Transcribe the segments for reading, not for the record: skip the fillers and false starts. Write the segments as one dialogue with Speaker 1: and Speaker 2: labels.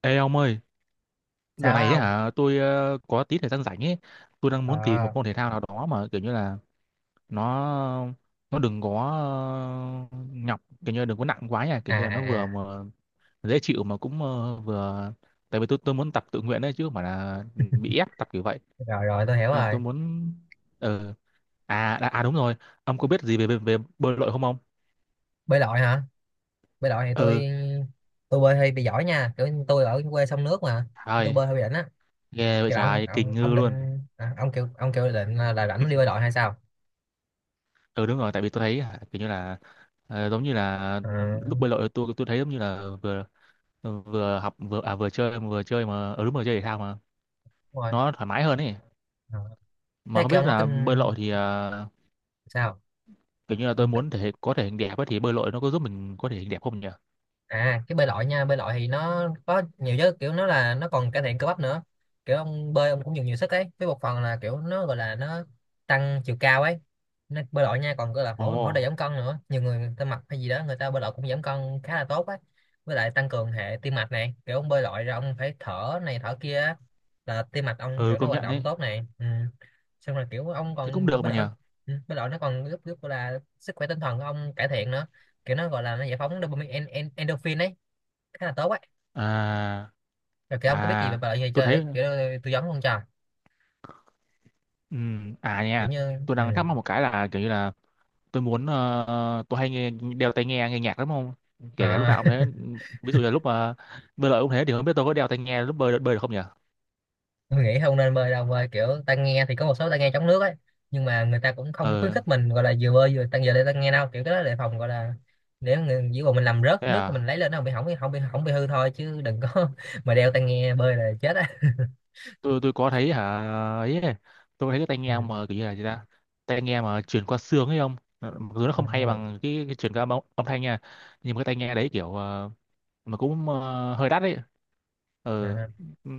Speaker 1: Ê ông ơi, giờ
Speaker 2: Sao á
Speaker 1: này ấy
Speaker 2: không?
Speaker 1: hả? Tôi có tí thời gian rảnh ấy. Tôi đang muốn tìm
Speaker 2: Ờ.
Speaker 1: một môn thể thao nào đó mà kiểu như là nó nó đừng có ờ, nhọc, kiểu như là đừng có nặng quá nha,
Speaker 2: À,
Speaker 1: kiểu như là nó
Speaker 2: à,
Speaker 1: vừa
Speaker 2: à.
Speaker 1: mà dễ chịu mà cũng vừa. Tại vì tôi muốn tập tự nguyện đấy chứ không phải là bị ép tập kiểu vậy.
Speaker 2: Rồi, rồi, tôi hiểu
Speaker 1: Nên là tôi
Speaker 2: rồi.
Speaker 1: muốn. ờ À, đúng rồi, ông có biết gì về về, về bơi lội không ông?
Speaker 2: Bơi lội hả? Bơi lội thì
Speaker 1: Ừ.
Speaker 2: tôi bơi hơi bị giỏi nha, kiểu như tôi ở quê sông nước mà. Tôi
Speaker 1: Trời,
Speaker 2: bơi hơi bị đỉnh á.
Speaker 1: ghê vậy
Speaker 2: Kiểu là ông
Speaker 1: trời, kinh
Speaker 2: ông ông
Speaker 1: ngư
Speaker 2: định
Speaker 1: luôn.
Speaker 2: à, ông kêu định là rảnh đi bơi lội hay sao?
Speaker 1: Ừ đúng rồi, tại vì tôi thấy hả, kiểu như là giống như là
Speaker 2: Ờ,
Speaker 1: lúc bơi lội tôi thấy giống như là vừa vừa học vừa vừa chơi mà ở đúng rồi, chơi thể thao mà
Speaker 2: đúng rồi.
Speaker 1: nó thoải mái hơn ấy.
Speaker 2: Ờ.
Speaker 1: Mà
Speaker 2: Thế
Speaker 1: không
Speaker 2: kêu ông
Speaker 1: biết
Speaker 2: có
Speaker 1: là
Speaker 2: kinh,
Speaker 1: bơi lội thì
Speaker 2: sao?
Speaker 1: kiểu như là
Speaker 2: Ừ.
Speaker 1: tôi muốn có thể hình đẹp ấy, thì bơi lội nó có giúp mình có thể hình đẹp không nhỉ?
Speaker 2: À, cái bơi lội nha, bơi lội thì nó có nhiều chứ, kiểu nó là nó còn cải thiện cơ bắp nữa. Kiểu ông bơi ông cũng dùng nhiều sức ấy, với một phần là kiểu nó gọi là nó tăng chiều cao ấy. Nó bơi lội nha còn gọi là
Speaker 1: Ồ.
Speaker 2: hỗ hỗ trợ giảm cân nữa, nhiều người người ta mập hay gì đó người ta bơi lội cũng giảm cân khá là tốt ấy. Với lại tăng cường hệ tim mạch này, kiểu ông bơi lội ra ông phải thở này thở kia á, là tim mạch ông
Speaker 1: Ừ,
Speaker 2: kiểu nó
Speaker 1: công
Speaker 2: hoạt
Speaker 1: nhận
Speaker 2: động
Speaker 1: đấy.
Speaker 2: tốt này, ừ. Xong rồi kiểu ông
Speaker 1: Thế cũng
Speaker 2: còn
Speaker 1: được
Speaker 2: bơi
Speaker 1: mà
Speaker 2: lội.
Speaker 1: nhờ.
Speaker 2: Ừ, bơi lội nó còn giúp giúp là sức khỏe tinh thần của ông cải thiện nữa. Kiểu nó gọi là nó giải phóng dopamine, en, en, endorphin ấy. Khá là tốt ấy.
Speaker 1: à
Speaker 2: Rồi kiểu ông có biết gì về
Speaker 1: à
Speaker 2: loại gì
Speaker 1: tôi
Speaker 2: chơi để
Speaker 1: thấy.
Speaker 2: kiểu tư vấn không cho
Speaker 1: À
Speaker 2: kiểu
Speaker 1: nha.
Speaker 2: như,
Speaker 1: Tôi đang thắc
Speaker 2: ừ.
Speaker 1: mắc một cái là kiểu như là tôi muốn. Ờ, tôi hay nghe đeo tai nghe nghe nhạc lắm không, kể cả lúc
Speaker 2: À,
Speaker 1: nào cũng thế. Ví dụ là lúc mà bơi lội cũng thế, thì không biết tôi có đeo tai nghe lúc bơi bơi được không nhỉ?
Speaker 2: tôi nghĩ không nên bơi đâu, bơi kiểu ta nghe thì có một số ta nghe chống nước ấy. Nhưng mà người ta cũng không khuyến
Speaker 1: ờ
Speaker 2: khích mình gọi là vừa bơi vừa tăng giờ để ta nghe đâu, kiểu cái đó để phòng gọi là để người chỉ còn mình làm rớt
Speaker 1: Thế
Speaker 2: nước thì mình
Speaker 1: à.
Speaker 2: lấy lên nó không bị hỏng, không bị hư thôi chứ đừng có mà đeo tai nghe bơi là chết á.
Speaker 1: Tôi có thấy hả, ấy, tôi thấy cái tai
Speaker 2: Ừ.
Speaker 1: nghe mà kiểu như là gì ta, tai nghe mà truyền qua xương ấy không. Ờ, Mặc dù nó
Speaker 2: À,
Speaker 1: không hay bằng cái truyền qua âm thanh nha, nhưng mà cái tai nghe đấy kiểu mà cũng hơi đắt đấy. ờ
Speaker 2: à,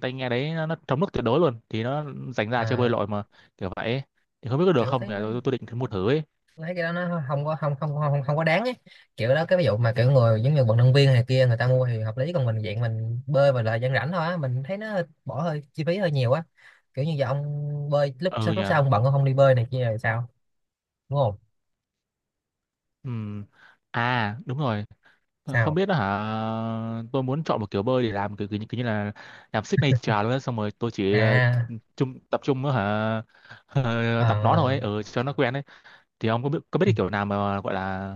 Speaker 1: Tai nghe đấy nó chống nước tuyệt đối luôn thì nó dành ra cho bơi
Speaker 2: à,
Speaker 1: lội mà kiểu vậy ấy. Thì không biết có được
Speaker 2: kiểu
Speaker 1: không
Speaker 2: thấy
Speaker 1: nhỉ,
Speaker 2: nó,
Speaker 1: tôi định thử mua thử ấy.
Speaker 2: tôi thấy cái đó nó không có không không không không có đáng ấy. Kiểu đó cái ví dụ mà kiểu người giống như vận động viên này kia người ta mua thì hợp lý, còn mình dạng mình bơi và là dân rảnh thôi á, mình thấy nó bỏ hơi chi phí hơi nhiều á. Kiểu như giờ ông bơi lúc
Speaker 1: Ừ
Speaker 2: sau
Speaker 1: nhỉ.
Speaker 2: lúc sau ông bận ông không đi bơi này kia rồi sao? Đúng không?
Speaker 1: Ừm, À đúng rồi. Không
Speaker 2: Sao?
Speaker 1: biết đó hả. Tôi muốn chọn một kiểu bơi để làm kiểu, kiểu như là làm signature luôn á. Xong rồi tôi chỉ
Speaker 2: À,
Speaker 1: tập trung đó, hả, tập nó thôi
Speaker 2: ờ,
Speaker 1: ấy, cho nó quen ấy. Thì ông có biết
Speaker 2: ừ,
Speaker 1: cái kiểu nào mà gọi là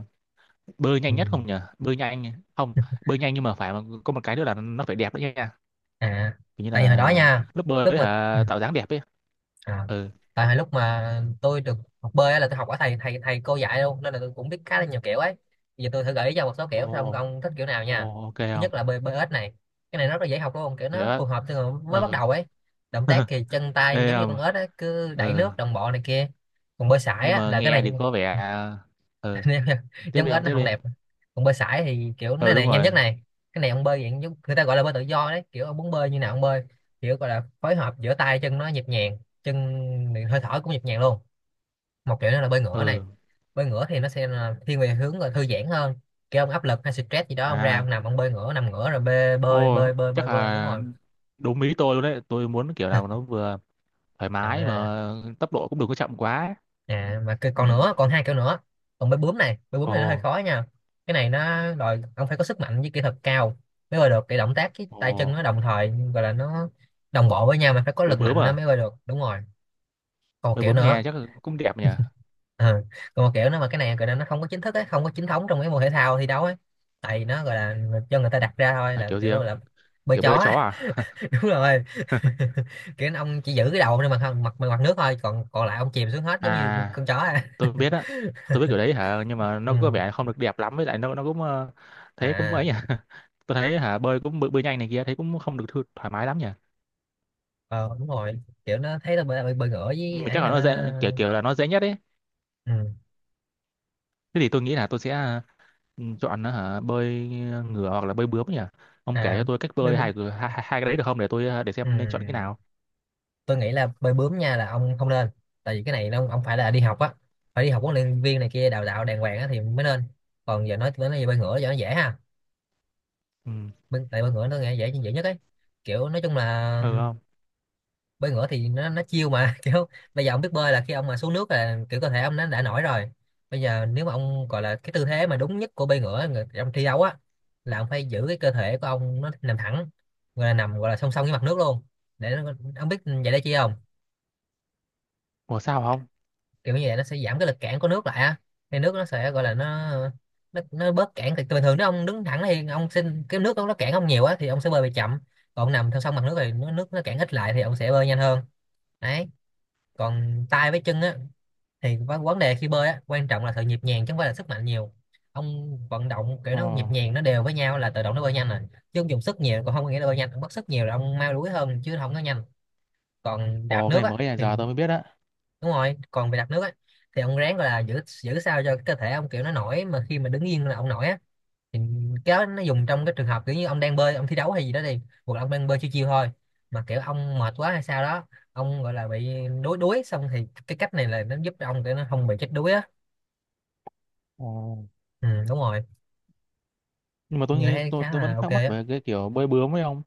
Speaker 1: bơi
Speaker 2: ừ,
Speaker 1: nhanh nhất không nhỉ? Bơi nhanh? Không.
Speaker 2: ừ,
Speaker 1: Bơi nhanh nhưng mà phải mà, có một cái nữa là nó phải đẹp đấy nha,
Speaker 2: à,
Speaker 1: kiểu như
Speaker 2: tại vì hồi đó
Speaker 1: là
Speaker 2: nha,
Speaker 1: lớp bơi
Speaker 2: lúc
Speaker 1: ấy,
Speaker 2: mà, ừ,
Speaker 1: hả, tạo dáng đẹp ấy.
Speaker 2: à,
Speaker 1: Ừ.
Speaker 2: tại hồi lúc mà tôi được học bơi á là tôi học ở thầy thầy thầy cô dạy luôn nên là tôi cũng biết khá là nhiều kiểu ấy. Giờ tôi thử gợi ý cho một số kiểu xong
Speaker 1: Ồ.
Speaker 2: ông thích kiểu nào nha.
Speaker 1: Ồ, ok
Speaker 2: Thứ
Speaker 1: không?
Speaker 2: nhất là bơi bơi ếch này, cái này rất là dễ học luôn, kiểu
Speaker 1: Vậy
Speaker 2: nó
Speaker 1: đó.
Speaker 2: phù hợp cho người mới bắt
Speaker 1: Ừ.
Speaker 2: đầu ấy. Động tác thì chân tay
Speaker 1: Ê,
Speaker 2: giống như con
Speaker 1: không.
Speaker 2: ếch ấy, cứ đẩy
Speaker 1: Ừ,
Speaker 2: nước đồng bộ này kia. Còn bơi sải
Speaker 1: nhưng
Speaker 2: á
Speaker 1: mà
Speaker 2: là cái
Speaker 1: nghe
Speaker 2: này,
Speaker 1: thì có vẻ, ừ,
Speaker 2: nên
Speaker 1: tiếp
Speaker 2: giống
Speaker 1: đi không,
Speaker 2: ếch nó
Speaker 1: tiếp
Speaker 2: không
Speaker 1: đi.
Speaker 2: đẹp. Còn bơi sải thì kiểu nó
Speaker 1: Ừ đúng
Speaker 2: này nhanh nhất
Speaker 1: rồi.
Speaker 2: này, cái này ông bơi dạng giống người ta gọi là bơi tự do đấy, kiểu ông muốn bơi như nào ông bơi. Kiểu gọi là phối hợp giữa tay chân nó nhịp nhàng, chân hơi thở cũng nhịp nhàng luôn. Một kiểu nữa là bơi ngửa này.
Speaker 1: Ừ.
Speaker 2: Bơi ngửa thì nó sẽ là thiên về hướng là thư giãn hơn. Kiểu ông áp lực hay stress gì đó ông ra
Speaker 1: À.
Speaker 2: ông nằm ông bơi ngửa, nằm ngửa rồi bơi bơi
Speaker 1: Ô,
Speaker 2: bơi bơi
Speaker 1: chắc
Speaker 2: bơi bơi, đúng
Speaker 1: là
Speaker 2: rồi.
Speaker 1: đúng ý tôi luôn đấy, tôi muốn kiểu nào mà nó vừa thoải mái
Speaker 2: À,
Speaker 1: mà tốc độ cũng đừng có chậm quá.
Speaker 2: à mà cái
Speaker 1: Ừ.
Speaker 2: còn nữa, còn hai kiểu nữa. Còn bơi bướm này, bơi bướm
Speaker 1: Ồ.
Speaker 2: này nó hơi khó nha. Cái này nó đòi ông phải có sức mạnh với kỹ thuật cao mới bơi được, cái động tác cái tay chân nó
Speaker 1: Ồ.
Speaker 2: đồng thời, gọi là nó đồng bộ với nhau mà phải có
Speaker 1: Bơi
Speaker 2: lực
Speaker 1: bướm
Speaker 2: mạnh nó mới
Speaker 1: à?
Speaker 2: bơi được, đúng rồi. Còn một
Speaker 1: Bơi
Speaker 2: kiểu
Speaker 1: bướm nghe
Speaker 2: nữa.
Speaker 1: chắc là cũng đẹp nhỉ.
Speaker 2: Ờ, còn một kiểu nữa mà cái này gọi là nó không có chính thức ấy, không có chính thống trong cái môn thể thao thi đấu ấy. Tại vì nó gọi là cho người ta đặt ra thôi,
Speaker 1: À,
Speaker 2: là
Speaker 1: kiểu
Speaker 2: kiểu
Speaker 1: gì không?
Speaker 2: là bơi
Speaker 1: Kiểu
Speaker 2: chó
Speaker 1: bơi chó
Speaker 2: á.
Speaker 1: à?
Speaker 2: Đúng rồi. Kiểu ông chỉ giữ cái đầu trên mặt mặt mặt nước thôi, còn còn lại ông chìm xuống hết giống như
Speaker 1: À,
Speaker 2: con chó. À,
Speaker 1: tôi biết á, tôi biết kiểu đấy hả, nhưng mà nó có
Speaker 2: ừ.
Speaker 1: vẻ không được đẹp lắm, với lại nó cũng thấy cũng ấy
Speaker 2: À,
Speaker 1: nhỉ. Tôi thấy hả, bơi cũng bơi, bơi nhanh này kia thấy cũng không được thoải mái lắm nhỉ.
Speaker 2: ờ, đúng rồi, kiểu nó thấy tao bơi bơi, bơi ngửa với
Speaker 1: Nhưng mà chắc
Speaker 2: ấy
Speaker 1: là
Speaker 2: là nó,
Speaker 1: nó dễ, kiểu kiểu là nó dễ nhất ấy.
Speaker 2: ừ.
Speaker 1: Thế thì tôi nghĩ là tôi sẽ chọn hả, bơi ngửa hoặc là bơi bướm nhỉ. Ông kể
Speaker 2: À,
Speaker 1: cho tôi cách
Speaker 2: bơi
Speaker 1: bơi
Speaker 2: bướm,
Speaker 1: hai, hai hai hai cái đấy được không để tôi để
Speaker 2: ừ.
Speaker 1: xem nên chọn cái nào.
Speaker 2: Tôi nghĩ là bơi bướm nha, là ông không nên, tại vì cái này nó ông phải là đi học á, phải đi học huấn luyện viên này kia đào tạo đàng hoàng á thì mới nên. Còn giờ nói về bơi ngửa cho nó dễ ha.
Speaker 1: Ừ.
Speaker 2: Tại bơi ngửa tôi nghĩ dễ dễ nhất ấy. Kiểu nói chung là
Speaker 1: Ừ không.
Speaker 2: bơi ngửa thì nó chiêu mà, kiểu bây giờ ông biết bơi là khi ông mà xuống nước là kiểu cơ thể ông nó đã nổi rồi. Bây giờ nếu mà ông gọi là cái tư thế mà đúng nhất của bơi ngửa trong thi đấu á là ông phải giữ cái cơ thể của ông nó nằm thẳng, gọi là nằm gọi là song song với mặt nước luôn. Để nó, ông biết vậy để chi không?
Speaker 1: Ủa sao không.
Speaker 2: Kiểu như vậy nó sẽ giảm cái lực cản của nước lại á, thì nước nó sẽ gọi là nó, nó bớt cản. Thì bình thường nếu ông đứng thẳng thì ông xin cái nước nó cản ông nhiều á thì ông sẽ bơi bị chậm. Còn ông nằm theo song mặt nước thì nó nước nó cản ít lại thì ông sẽ bơi nhanh hơn, đấy. Còn tay với chân á, thì vấn vấn đề khi bơi á quan trọng là sự nhịp nhàng chứ không phải là sức mạnh nhiều. Ông vận động kiểu
Speaker 1: Ồ.
Speaker 2: nó nhịp nhàng nó đều với nhau là tự động nó bơi nhanh rồi. Chứ ông dùng sức nhiều còn không có nghĩa là bơi nhanh, ông mất sức nhiều là ông mau đuối hơn chứ không có nhanh. Còn đạp
Speaker 1: Ồ, cái
Speaker 2: nước
Speaker 1: này
Speaker 2: á
Speaker 1: mới này, giờ
Speaker 2: thì
Speaker 1: tôi mới biết á.
Speaker 2: đúng rồi, còn về đạp nước á thì ông ráng gọi là giữ giữ sao cho cơ thể ông kiểu nó nổi, mà khi mà đứng yên là ông nổi á. Thì cái đó nó dùng trong cái trường hợp kiểu như ông đang bơi ông thi đấu hay gì đó đi, hoặc là ông đang bơi chiêu chiêu thôi mà kiểu ông mệt quá hay sao đó, ông gọi là bị đuối đuối xong, thì cái cách này là nó giúp cho ông để nó không bị chết đuối á.
Speaker 1: Ồ.
Speaker 2: Ừ, đúng rồi.
Speaker 1: Nhưng mà tôi
Speaker 2: Như
Speaker 1: nghĩ
Speaker 2: thấy
Speaker 1: tôi
Speaker 2: khá
Speaker 1: tôi
Speaker 2: là
Speaker 1: vẫn
Speaker 2: ok
Speaker 1: thắc mắc
Speaker 2: á.
Speaker 1: về cái kiểu bơi bướm ấy không,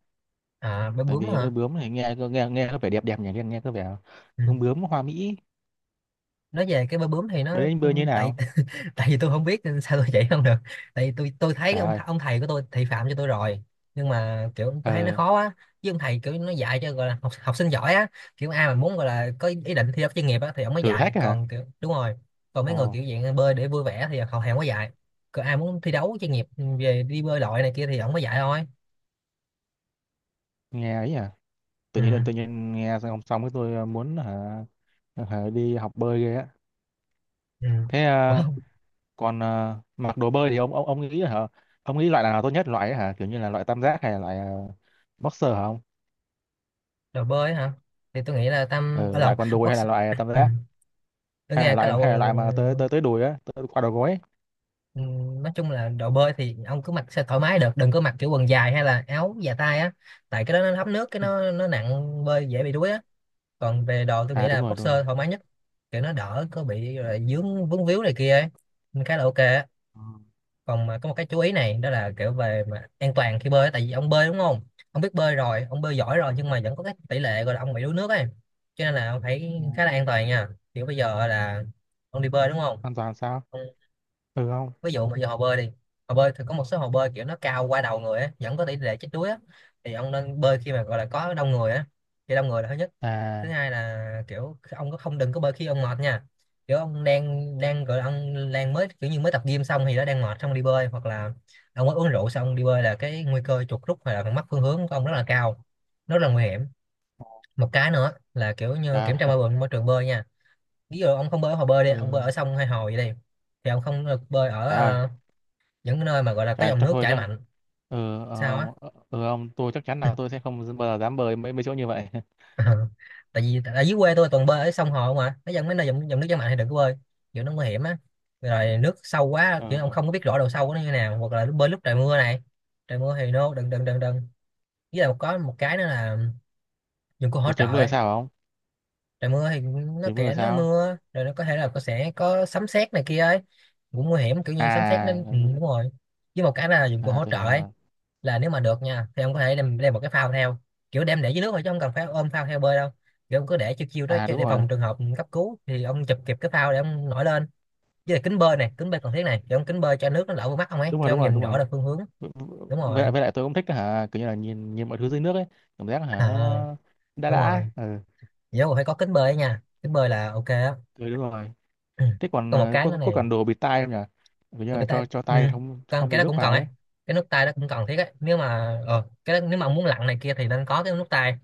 Speaker 2: À, bơi
Speaker 1: tại
Speaker 2: bướm
Speaker 1: vì bơi
Speaker 2: hả,
Speaker 1: bướm này nghe nghe nghe có vẻ đẹp đẹp nhỉ, nghe nghe có vẻ
Speaker 2: ừ.
Speaker 1: bướm bướm hoa mỹ,
Speaker 2: Nói về cái bơi bướm thì nó, ừ,
Speaker 1: bơi như thế
Speaker 2: tại
Speaker 1: nào.
Speaker 2: tại vì tôi không biết nên sao tôi chỉ không được. Tại vì tôi thấy
Speaker 1: Trời ơi.
Speaker 2: ông thầy của tôi thị phạm cho tôi rồi, nhưng mà kiểu tôi thấy nó
Speaker 1: ờ
Speaker 2: khó quá. Chứ ông thầy kiểu nó dạy cho gọi là học sinh giỏi á, kiểu ai mà muốn gọi là có ý định thi đấu chuyên nghiệp á thì ông mới
Speaker 1: Thử
Speaker 2: dạy,
Speaker 1: thách hả.
Speaker 2: còn kiểu đúng rồi. Còn mấy
Speaker 1: Ồ
Speaker 2: người kiểu dạng bơi để vui vẻ thì họ hàng mới dạy. Còn ai muốn thi đấu chuyên nghiệp về đi bơi lội này kia thì ông mới dạy thôi.
Speaker 1: nghe ấy nhỉ. Tự
Speaker 2: Ừ.
Speaker 1: nhiên tự nhiên nghe xong hôm xong cái tôi muốn hả, đi học bơi ghê á.
Speaker 2: Ừ.
Speaker 1: Thế
Speaker 2: Ủa,
Speaker 1: à. Còn à, mặc đồ bơi thì ông nghĩ hả, ông nghĩ loại nào tốt nhất loại ấy hả, kiểu như là loại tam giác hay là loại boxer hả ông?
Speaker 2: đồ bơi hả? Thì tôi nghĩ là Tâm ở
Speaker 1: Ừ, loại
Speaker 2: lộn,
Speaker 1: quần đùi hay
Speaker 2: box
Speaker 1: là loại tam
Speaker 2: ừ.
Speaker 1: giác,
Speaker 2: Tôi nghe cái loại
Speaker 1: hay là
Speaker 2: quần
Speaker 1: loại
Speaker 2: quần
Speaker 1: mà tới tới tới đùi á, tới qua đầu gối ấy.
Speaker 2: ừ, nói chung là đồ bơi thì ông cứ mặc sẽ thoải mái được, đừng có mặc kiểu quần dài hay là áo dài tay á, tại cái đó nó thấm nước cái
Speaker 1: Ừ.
Speaker 2: nó nặng, bơi dễ bị đuối á. Còn về đồ tôi nghĩ
Speaker 1: À đúng
Speaker 2: là
Speaker 1: rồi, đúng
Speaker 2: boxer
Speaker 1: rồi.
Speaker 2: thoải mái nhất, kiểu nó đỡ có bị là dướng vướng víu này kia ấy, nên khá là ok á.
Speaker 1: Ừ.
Speaker 2: Còn mà có một cái chú ý này, đó là kiểu về mà an toàn khi bơi á. Tại vì ông bơi đúng không? Ông biết bơi rồi, ông bơi giỏi rồi, nhưng mà vẫn có cái tỷ lệ gọi là ông bị đuối nước ấy, cho nên là ông phải
Speaker 1: Ừ.
Speaker 2: khá là an toàn nha. Kiểu bây giờ là ông đi bơi đúng không?
Speaker 1: An toàn sao?
Speaker 2: Ông
Speaker 1: Ừ. Không.
Speaker 2: ví dụ mà giờ hồ bơi đi, hồ bơi thì có một số hồ bơi kiểu nó cao qua đầu người á, vẫn có tỷ lệ chết đuối á. Thì ông nên bơi khi mà gọi là có đông người á, khi đông người là thứ nhất. Thứ
Speaker 1: À.
Speaker 2: hai là kiểu ông có không, đừng có bơi khi ông mệt nha. Kiểu ông đang đang gọi là ông đang mới, kiểu như mới tập gym xong thì nó đang mệt xong đi bơi, hoặc là ông mới uống rượu xong đi bơi là cái nguy cơ chuột rút hoặc là mất phương hướng của ông rất là cao, rất là nguy hiểm. Một cái nữa là kiểu như kiểm
Speaker 1: Dạ.
Speaker 2: tra môi trường, môi trường bơi nha. Ví dụ ông không bơi ở hồ bơi đi,
Speaker 1: Ừ.
Speaker 2: ông bơi ở sông hay hồ vậy đi, thì ông không được bơi ở
Speaker 1: Trời ơi.
Speaker 2: những cái nơi mà gọi là có
Speaker 1: Trời,
Speaker 2: dòng
Speaker 1: chắc
Speaker 2: nước
Speaker 1: thôi
Speaker 2: chảy
Speaker 1: chắc.
Speaker 2: mạnh.
Speaker 1: Ừ,
Speaker 2: Sao á?
Speaker 1: ông, ừ, ông, tôi chắc chắn là tôi sẽ không bao giờ dám bơi mấy mấy chỗ như vậy.
Speaker 2: Tại vì ở dưới quê tôi toàn bơi ở sông hồ mà, cái dân mấy nơi dòng nước chảy mạnh thì đừng có bơi, kiểu nó nguy hiểm á. Rồi nước sâu quá, kiểu ông
Speaker 1: Ờ.
Speaker 2: không có biết rõ độ sâu của nó như nào, hoặc là bơi lúc trời mưa này. Trời mưa thì no, đừng đừng đừng đừng. Với lại có một cái nữa là dụng cụ hỗ
Speaker 1: Ủa
Speaker 2: trợ
Speaker 1: trời mưa là
Speaker 2: ấy.
Speaker 1: sao không?
Speaker 2: Trời mưa thì nó
Speaker 1: Trời mưa là
Speaker 2: kệ nó
Speaker 1: sao?
Speaker 2: mưa, rồi nó có thể là có, sẽ có sấm sét này kia ấy, cũng nguy hiểm kiểu như sấm sét nên
Speaker 1: À,
Speaker 2: ừ, đúng rồi. Với một cái là dụng cụ
Speaker 1: à,
Speaker 2: hỗ
Speaker 1: tôi
Speaker 2: trợ
Speaker 1: hiểu
Speaker 2: ấy,
Speaker 1: rồi.
Speaker 2: là nếu mà được nha thì ông có thể đem một cái phao theo, kiểu đem để dưới nước thôi chứ không cần phải ôm phao theo bơi đâu. Kiểu ông cứ để chiêu chiêu đó
Speaker 1: À
Speaker 2: cho-
Speaker 1: đúng
Speaker 2: để
Speaker 1: rồi,
Speaker 2: phòng trường hợp cấp cứu thì ông chụp kịp cái phao để ông nổi lên. Với lại kính bơi này, kính bơi cần thiết này, kiểu ông kính bơi cho nước nó đỡ vào mắt ông ấy,
Speaker 1: đúng rồi,
Speaker 2: kiểu
Speaker 1: đúng
Speaker 2: ông
Speaker 1: rồi,
Speaker 2: nhìn
Speaker 1: đúng
Speaker 2: rõ
Speaker 1: rồi.
Speaker 2: được phương hướng. Đúng
Speaker 1: Với
Speaker 2: rồi.
Speaker 1: lại, với lại tôi cũng thích hả, kiểu như là nhìn nhìn mọi thứ dưới nước ấy, cảm giác hả
Speaker 2: À
Speaker 1: nó đã
Speaker 2: đúng
Speaker 1: đã.
Speaker 2: rồi,
Speaker 1: Ừ,
Speaker 2: nhớ còn phải có kính bơi ấy nha, kính bơi là ok á.
Speaker 1: tôi đúng rồi. Thế còn
Speaker 2: Còn một cái nữa
Speaker 1: có
Speaker 2: này,
Speaker 1: cần đồ bịt tai không nhỉ? Kiểu như
Speaker 2: tại
Speaker 1: là
Speaker 2: vì ta
Speaker 1: cho
Speaker 2: ừ.
Speaker 1: tay không
Speaker 2: Còn
Speaker 1: không
Speaker 2: cái
Speaker 1: bị
Speaker 2: đó
Speaker 1: nước
Speaker 2: cũng cần
Speaker 1: vào
Speaker 2: ấy,
Speaker 1: ấy.
Speaker 2: cái nước tay đó cũng cần thiết ấy, nếu mà cái đó, nếu mà ông muốn lặn này kia thì nên có cái nước tay.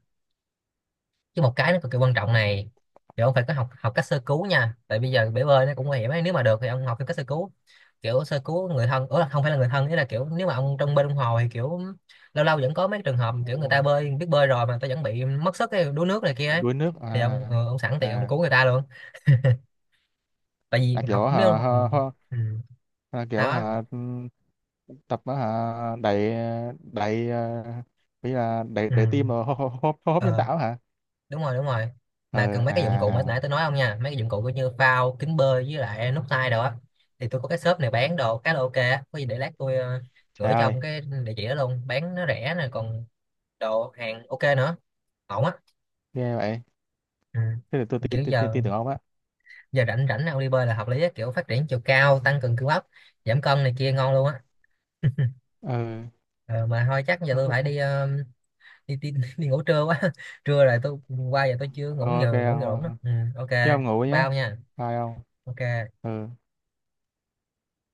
Speaker 2: Chứ một cái nó cực kỳ quan trọng này, thì ông phải có học học cách sơ cứu nha. Tại bây giờ bể bơi nó cũng nguy hiểm ấy, nếu mà được thì ông học cái cách sơ cứu, kiểu sơ cứu người thân, ủa không phải là người thân, ý là kiểu nếu mà ông trong bên ông hồ thì kiểu lâu lâu vẫn có mấy trường hợp kiểu người ta
Speaker 1: Ồ.
Speaker 2: bơi, biết bơi rồi mà người ta vẫn bị mất sức cái đuối nước này kia
Speaker 1: Bị
Speaker 2: ấy,
Speaker 1: đuối nước
Speaker 2: thì
Speaker 1: à?
Speaker 2: ông ông sẵn tiện ông
Speaker 1: À
Speaker 2: cứu người ta luôn. Tại vì
Speaker 1: là
Speaker 2: học,
Speaker 1: kiểu
Speaker 2: nếu
Speaker 1: hả,
Speaker 2: học
Speaker 1: hả,
Speaker 2: ừ,
Speaker 1: hả
Speaker 2: ừ.
Speaker 1: là kiểu
Speaker 2: Sao á?
Speaker 1: hả, tập á hả, đẩy đẩy ờ, bây là đẩy
Speaker 2: Ừ,
Speaker 1: đẩy tim rồi hô hô hô hô hấp nhân
Speaker 2: ờ,
Speaker 1: tạo hả?
Speaker 2: đúng rồi đúng rồi. Mà
Speaker 1: ờ
Speaker 2: cần mấy
Speaker 1: à
Speaker 2: cái dụng cụ mà
Speaker 1: à.
Speaker 2: nãy tôi nói không nha, mấy cái dụng cụ coi như phao, kính bơi, với lại nút tay đồ á, thì tôi có cái shop này bán đồ khá là ok á, có gì để lát tôi
Speaker 1: Trời
Speaker 2: gửi cho
Speaker 1: ơi.
Speaker 2: ông cái địa chỉ đó luôn, bán nó rẻ nè, còn đồ hàng ok nữa, ổn á.
Speaker 1: Ghê vậy.
Speaker 2: Ừ.
Speaker 1: Thế thì tôi tin
Speaker 2: Kiểu
Speaker 1: tin tin
Speaker 2: giờ
Speaker 1: tin tưởng ông á.
Speaker 2: giờ rảnh rảnh ông đi bơi là hợp lý á, kiểu phát triển chiều cao, tăng cường cơ bắp, giảm cân này kia ngon luôn á.
Speaker 1: Ừ.
Speaker 2: Ờ, mà thôi chắc giờ
Speaker 1: Không,
Speaker 2: tôi
Speaker 1: không,
Speaker 2: phải
Speaker 1: không.
Speaker 2: đi, đi, đi ngủ trưa quá. Trưa rồi, tôi qua giờ tôi chưa
Speaker 1: Ok
Speaker 2: ngủ nhờ đủ nữa,
Speaker 1: ông.
Speaker 2: ừ, ok,
Speaker 1: Chứ ông ngủ nhé.
Speaker 2: bao nha.
Speaker 1: Bye ông.
Speaker 2: Ok.
Speaker 1: Ừ.